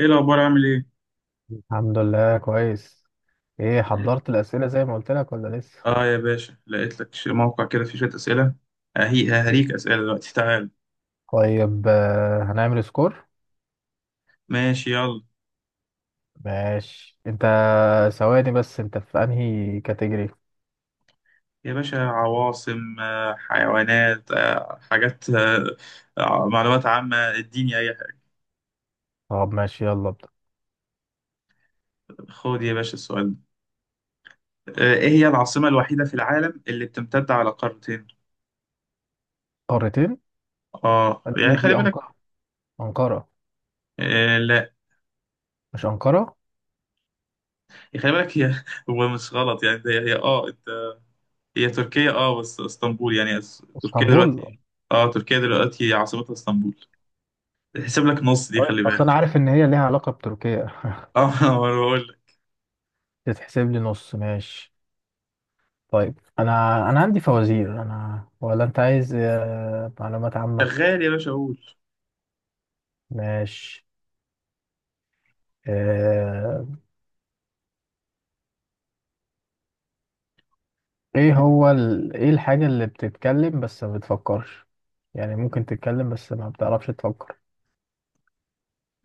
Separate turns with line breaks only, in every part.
ايه الاخبار؟ عامل ايه؟
الحمد لله كويس. ايه
لقيت.
حضرت الأسئلة زي ما قلت لك ولا لسه؟
اه يا باشا، لقيت لك موقع كده فيه شويه اسئله. ههي ههريك اسئله دلوقتي، تعال.
طيب هنعمل سكور.
ماشي، يلا.
ماشي انت. ثواني بس انت في انهي كاتيجوري؟
يا باشا، عواصم، حيوانات، حاجات، معلومات عامه، اديني اي حاجه.
طب ماشي يلا ابدأ.
خد يا باشا السؤال ده، ايه هي العاصمه الوحيده في العالم اللي بتمتد على قارتين؟
قارتين.
اه
دي
يعني خلي
دي
بالك.
أنقرة. أنقرة.
آه لا.
مش أنقرة.
خلي بالك، هي هو مش غلط يعني هي اه انت. هي تركيا، اه بس اسطنبول يعني، تركيا
اسطنبول.
دلوقتي. اه تركيا دلوقتي عاصمتها اسطنبول. تحسب لك نص دي،
طيب
خلي
اصل انا
بالك.
عارف ان هي ليها علاقة بتركيا.
اه انا بقول لك.
تتحسب لي نص ماشي. طيب انا عندي فوازير. انا ولا انت عايز معلومات عامة؟
شغال يا باشا، اقول.
ماشي. آه، ايه هو ايه الحاجة اللي بتتكلم بس ما بتفكرش؟ يعني ممكن تتكلم بس ما بتعرفش تفكر.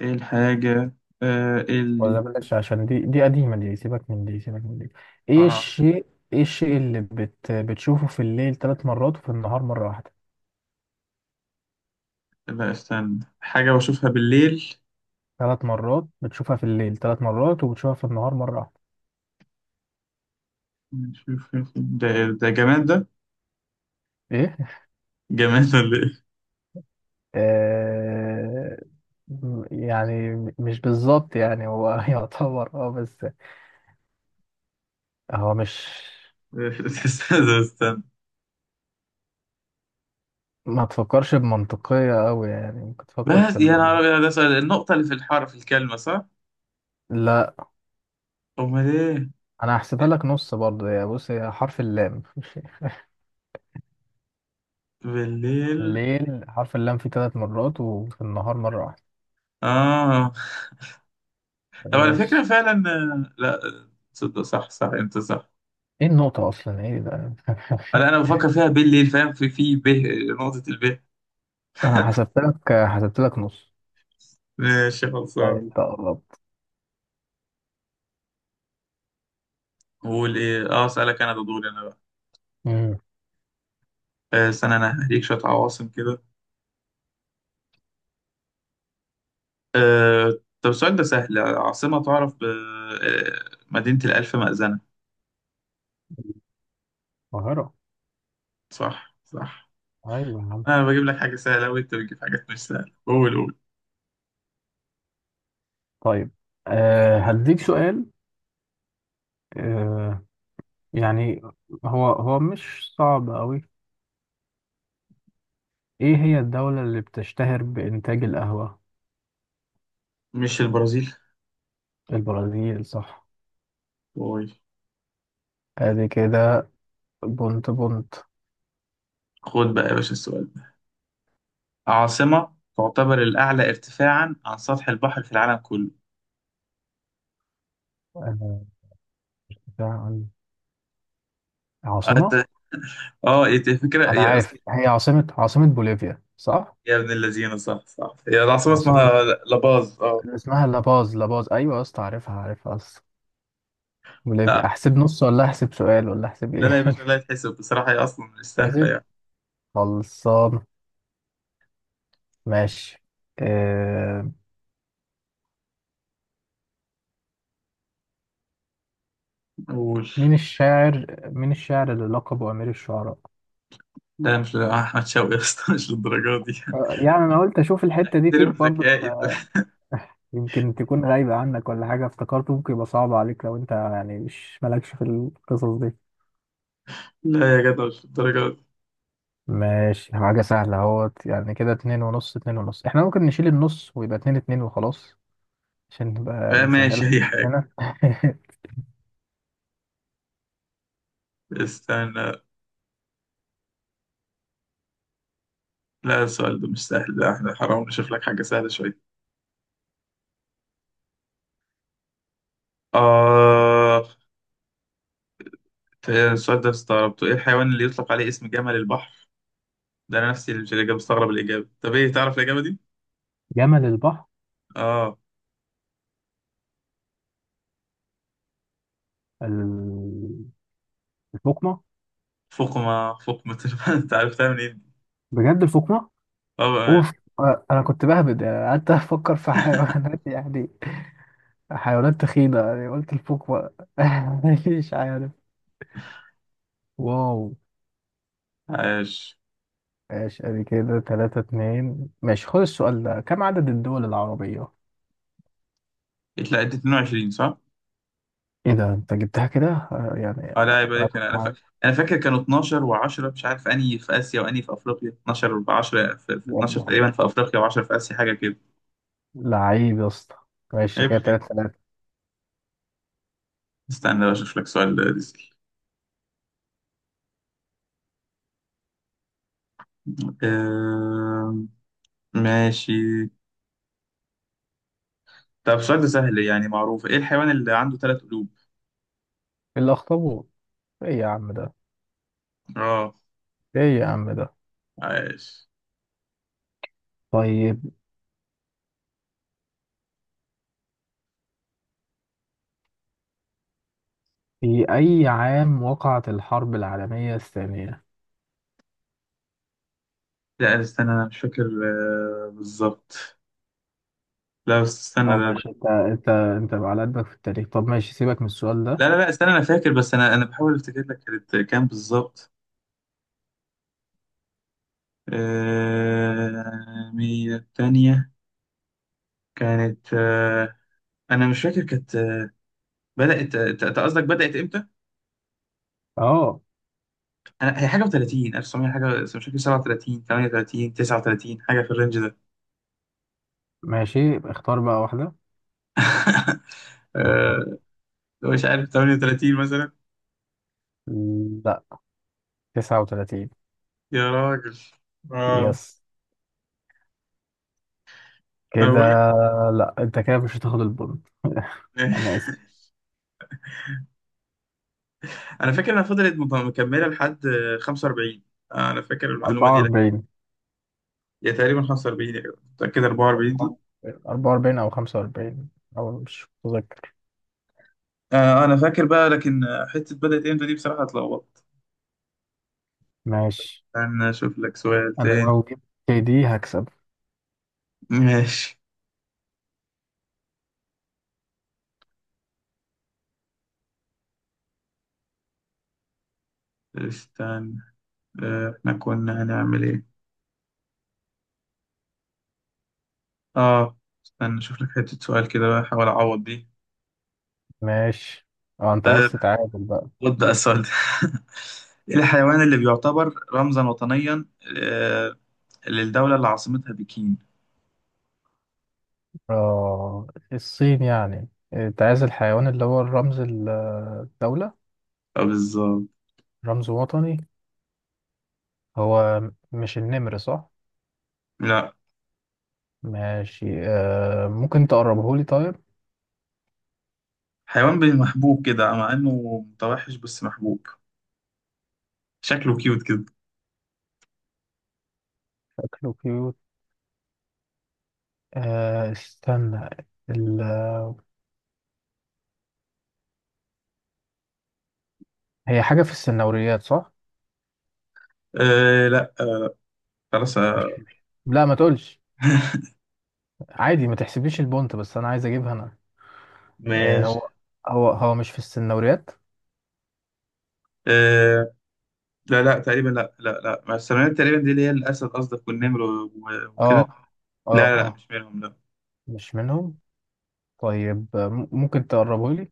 ايه الحاجة، اللي،
ولا بلاش عشان دي قديمة. دي سيبك من دي سيبك من دي. ايه
اه
الشيء؟ ايه الشيء اللي بتشوفه في الليل ثلاث مرات وفي النهار مرة واحدة؟
لا استنى، حاجة بشوفها بالليل؟
ثلاث مرات بتشوفها في الليل ثلاث مرات وبتشوفها في النهار مرة واحدة.
نشوف- ده ده جماد، ده
ايه؟
جماد ولا ايه؟
آه... يعني مش بالظبط يعني هو يعتبر بس. هو مش.
استنى استنى.
ما تفكرش بمنطقية أوي يعني ممكن تفكر في
بس يا
البديهي.
نهار أبيض، ده سؤال النقطة اللي في الحرف، الكلمة صح؟
لا.
أمال إيه؟
انا هحسبها لك نص برضه يا بص هي حرف اللام.
بالليل.
الليل حرف اللام فيه ثلاث مرات وفي النهار مرة واحدة.
آه طب على فكرة
ماشي.
فعلا، لا تصدق، صح صح، أنت صح.
ايه النقطة اصلا ايه ده.
أنا بفكر فيها بالليل، فاهم، في ب، نقطة الب.
انا حسبت لك نص.
ماشي
طيب
خلصان.
انت قربت.
قول ايه، اه اسالك انا، ده دوري انا بقى.
امم
استنى، انا هديك شويه عواصم كده. طب السؤال ده سهل، عاصمه تعرف ب مدينه الالف مأذنه.
القاهرة.
صح صح.
ايوه يا عم.
انا بجيب لك حاجه سهله وانت بتجيب حاجات مش سهله، قول قول.
طيب. هديك سؤال. أه يعني هو مش صعب قوي. ايه هي الدولة اللي بتشتهر بإنتاج القهوة؟
مش البرازيل؟
البرازيل صح.
قول.
ادي كده. بونت بونت.
خد بقى يا باشا السؤال ده، عاصمه تعتبر الاعلى ارتفاعا عن سطح البحر في العالم كله.
آه، عن. عاصمة.
أت- اه إيه الفكره
أنا
هي
عارف
اصلا؟
هي عاصمة بوليفيا صح؟
يا ابن الذين، صح صح، هي العاصمه
عاصمة.
اسمها لاباز، اه.
اللي اسمها لاباز لاباز أيوة يا اسطى عارفها عارفها أصلا. بوليفيا أحسب نص ولا أحسب سؤال ولا أحسب
لا لا
إيه؟
يا باشا، لا يتحسب، بصراحة هي أصلا مش سهلة
أحسب.
يعني.
خلصان. ماشي. آه...
قول.
مين الشاعر اللي لقبه أمير الشعراء؟
لا مش، أحمد شوقي يا اسطى، مش للدرجة دي.
يعني أنا قلت أشوف الحتة دي فيك
ترم
برضه
ذكائي ده.
يمكن تكون غايبة عنك ولا حاجة افتكرته ممكن يبقى صعب عليك لو أنت يعني مش مالكش في القصص دي.
لا يا جدع، مش للدرجة دي.
ماشي حاجة سهلة اهوت يعني كده اتنين ونص. احنا ممكن نشيل النص ويبقى اتنين اتنين وخلاص. عشان نبقى يعني
ماشي
نسهلها.
أي حاجة.
هنا.
استنى، لا السؤال ده مش سهل، لا احنا حرام، نشوف لك حاجة سهلة شوية. آه السؤال ده استغربته، إيه الحيوان اللي يطلق عليه اسم جمل البحر؟ ده أنا نفسي اللي مستغرب الإجابة. طب إيه، تعرف الإجابة دي؟
جمل البحر.
آه
ال- الفقمة.
فقمة فقمة. أنت عرفتها منين؟ إيه؟
بجد الفقمة.
طبعا.
اوف. انا كنت بهبد يعني قعدت افكر في حيوانات يعني حيوانات تخينة يعني قلت الفقمة. مش عارف. واو.
عاش.
ماشي ادي كده تلاتة اتنين ماشي خد السؤال ده كم عدد الدول العربية؟
لا أنت 22 صح؟
ايه ده انت جبتها كده؟ يعني
اه، لا عيب
انا
عليك،
كنت.
انا فاكر كانوا 12 و10. مش عارف انهي في اسيا وانهي في افريقيا، 12 ب 10، في 12
يلا.
تقريبا في افريقيا و10 في اسيا، حاجه كده.
لعيب يا اسطى. ماشي
عيب
كده
عليك.
تلاتة تلاتة.
استنى بقى اشوف لك سؤال ديزل. آه... ماشي. طب السؤال ده سهل يعني، معروف، ايه الحيوان اللي عنده ثلاث قلوب؟
إيه الأخطبوط. ايه يا عم ده.
اه.
ايه يا عم ده.
عايش.
طيب. في أي عام وقعت الحرب العالمية الثانية؟
لا استنى، انا مش فاكر بالظبط. لا بس استنى
اه ماشي انت بقى على قدك في التاريخ. طب ماشي سيبك من السؤال ده.
لا لا لا استنى، انا فاكر، بس انا بحاول افتكر لك كانت كام بالظبط. مية تانية. كانت، انا مش فاكر كانت، بدات، انت قصدك بدات امتى؟
اه
انا هي حاجه و30، 1900 حاجه، بس مش فاكر، 37 38 39، حاجه في الرينج ده.
ماشي يبقى اختار بقى واحدة مهم.
أه مش عارف، 38 مثلا.
لا. 39.
يا راجل. اه
يس
انا
كده.
بقول لك.
لا انت كده مش هتاخد البونت. انا اسف.
انا فاكر انها فضلت مكمله لحد 45. انا فاكر المعلومه دي لك.
44.
يا تقريبا 45 يا جماعة، متاكد 44 دي.
44 او 45 او مش متذكر.
انا فاكر بقى، لكن حته بدات امتى دي بصراحه اتلخبطت.
ماشي.
انا اشوف لك سؤال
انا
تاني.
لو جبت دي هكسب.
ماشي. استنى، احنا كنا هنعمل ايه؟ اه استنى اشوف لك حتة سؤال كده بقى، احاول اعوض دي.
ماشي. اه انت
أه،
عايز تتعادل بقى.
رد بقى السؤال ده. ايه الحيوان اللي بيعتبر رمزا وطنيا آه، للدولة اللي عاصمتها بكين؟
اه الصين يعني انت عايز
اه
الحيوان اللي هو الرمز الدولة.
بالظبط.
رمز وطني. هو. مش النمر صح؟
لا
ماشي ممكن تقربه لي طيب.
حيوان، محبوب كده، مع انه متوحش بس محبوب، شكله كيوت كده.
شكله كيوت. استنى ال... هي حاجة في السنوريات صح؟
أه لا. خلاص
مش. لا ما تقولش. عادي ما تحسبليش البونت بس انا عايز اجيبها انا.
ماشي.
هو هو مش في السنوريات.
أه لا لا تقريبا، لا لا لا، ما السلمونات تقريبا دي اللي هي الاسد قصدك والنمر وكده.
اه اه
لا لا لا
اه.
مش منهم، لا.
مش منهم. طيب ممكن تقربه لي.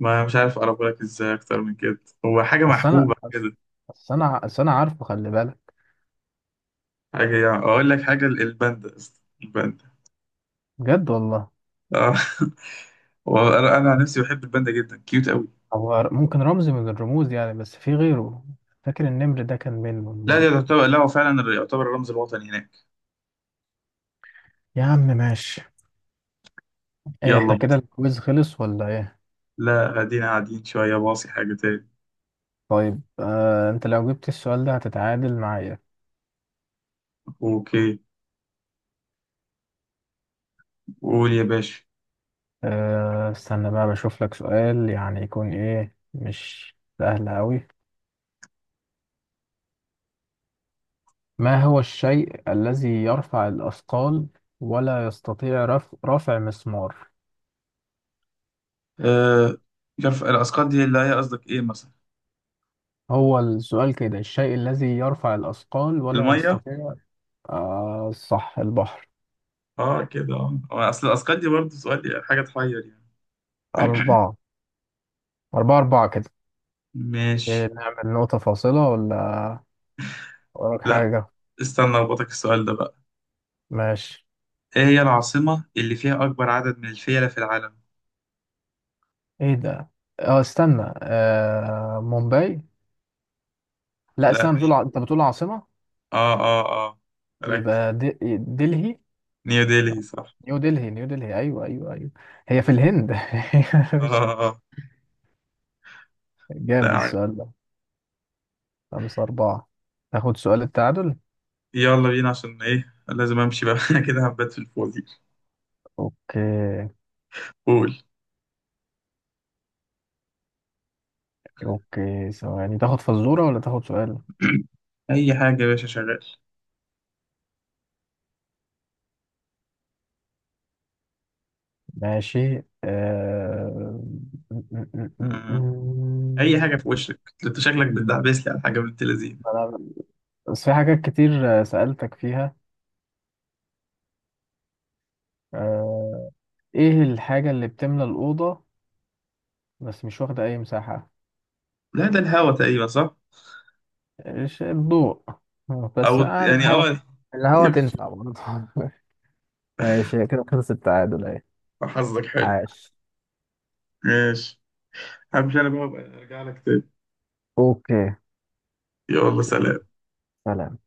ما مش عارف اقربه لك ازاي اكتر من كده، هو حاجه
اصل انا
محبوبه كده،
اصل انا عارفه خلي بالك.
حاجه يعني. اقول لك حاجه، الباندا يا اسطى، الباندا.
بجد والله.
اه. هو أنا عن نفسي بحب الباندا جدا، كيوت قوي.
هو ممكن رمز من الرموز يعني بس في غيره. فاكر النمر ده كان منهم
لا ده
برضه.
يعتبر، لا هو فعلا يعتبر الرمز الوطني هناك.
يا عم ماشي. ايه
يلا
احنا كده
باص.
الكويز خلص ولا ايه؟
لا، قاعدين قاعدين شويه، باصي حاجه تاني.
طيب انت لو جبت السؤال ده هتتعادل معايا.
اوكي. قول يا باشا.
استنى بقى بشوف لك سؤال يعني يكون ايه مش سهل قوي. ما هو الشيء الذي يرفع الاثقال ولا يستطيع رفع مسمار.
آه مش عارف، الاسقاط دي اللي هي قصدك ايه مثلا؟
هو السؤال كده الشيء الذي يرفع الأثقال ولا
الميه.
يستطيع. آه صح البحر.
اه كده، هو اصل الاسقاط دي برضه سؤال، حاجه تحير يعني.
أربعة. أربعة أربعة كده. إيه،
ماشي.
نعمل نقطة فاصلة ولا؟ وراك
لا
حاجة.
استنى اربطك السؤال ده بقى،
ماشي.
ايه هي العاصمة اللي فيها أكبر عدد من الفيلة في العالم؟
إيه ده. استنى مومباي. لا
لا
استنى بتقول أنت بتقول عاصمة.
اه اه اه،
يبقى
ركز.
دلهي.
نيو ديلي صح.
نيو دلهي نيو دلهي أيوه أيوه أيوه. هي في الهند.
اه
مش-
اه آه.
جامد
لا عارف.
السؤال ده. خمسة أربعة. ناخد سؤال التعادل.
يلا بينا عشان ايه لازم امشي بقى، كده هبات في الفاضي.
أوكي.
قول.
اوكي ثواني تاخد فزورة ولا تاخد سؤال؟
اي حاجة يا باشا شغال.
ماشي.
مم. اي حاجة، في وشك انت شكلك بتدعبس لي على حاجة بنت لذينه.
أنا. بس في حاجات كتير سألتك فيها. آه... ايه الحاجة اللي بتملى الأوضة بس مش واخدة أي مساحة؟
لا ده الهوا تقريبا صح.
ايش الضوء.
او
بس يعني
يعني
الهوا.
اه.
الهوا
تمشي.
تنفع برضه. ماشي كده خلص التعادل اهي.
حظك حلو.
عاش.
ماشي. همشي انا بقى، أبقى ارجع لك تاني.
اوكي.
يلا سلام.
سلام.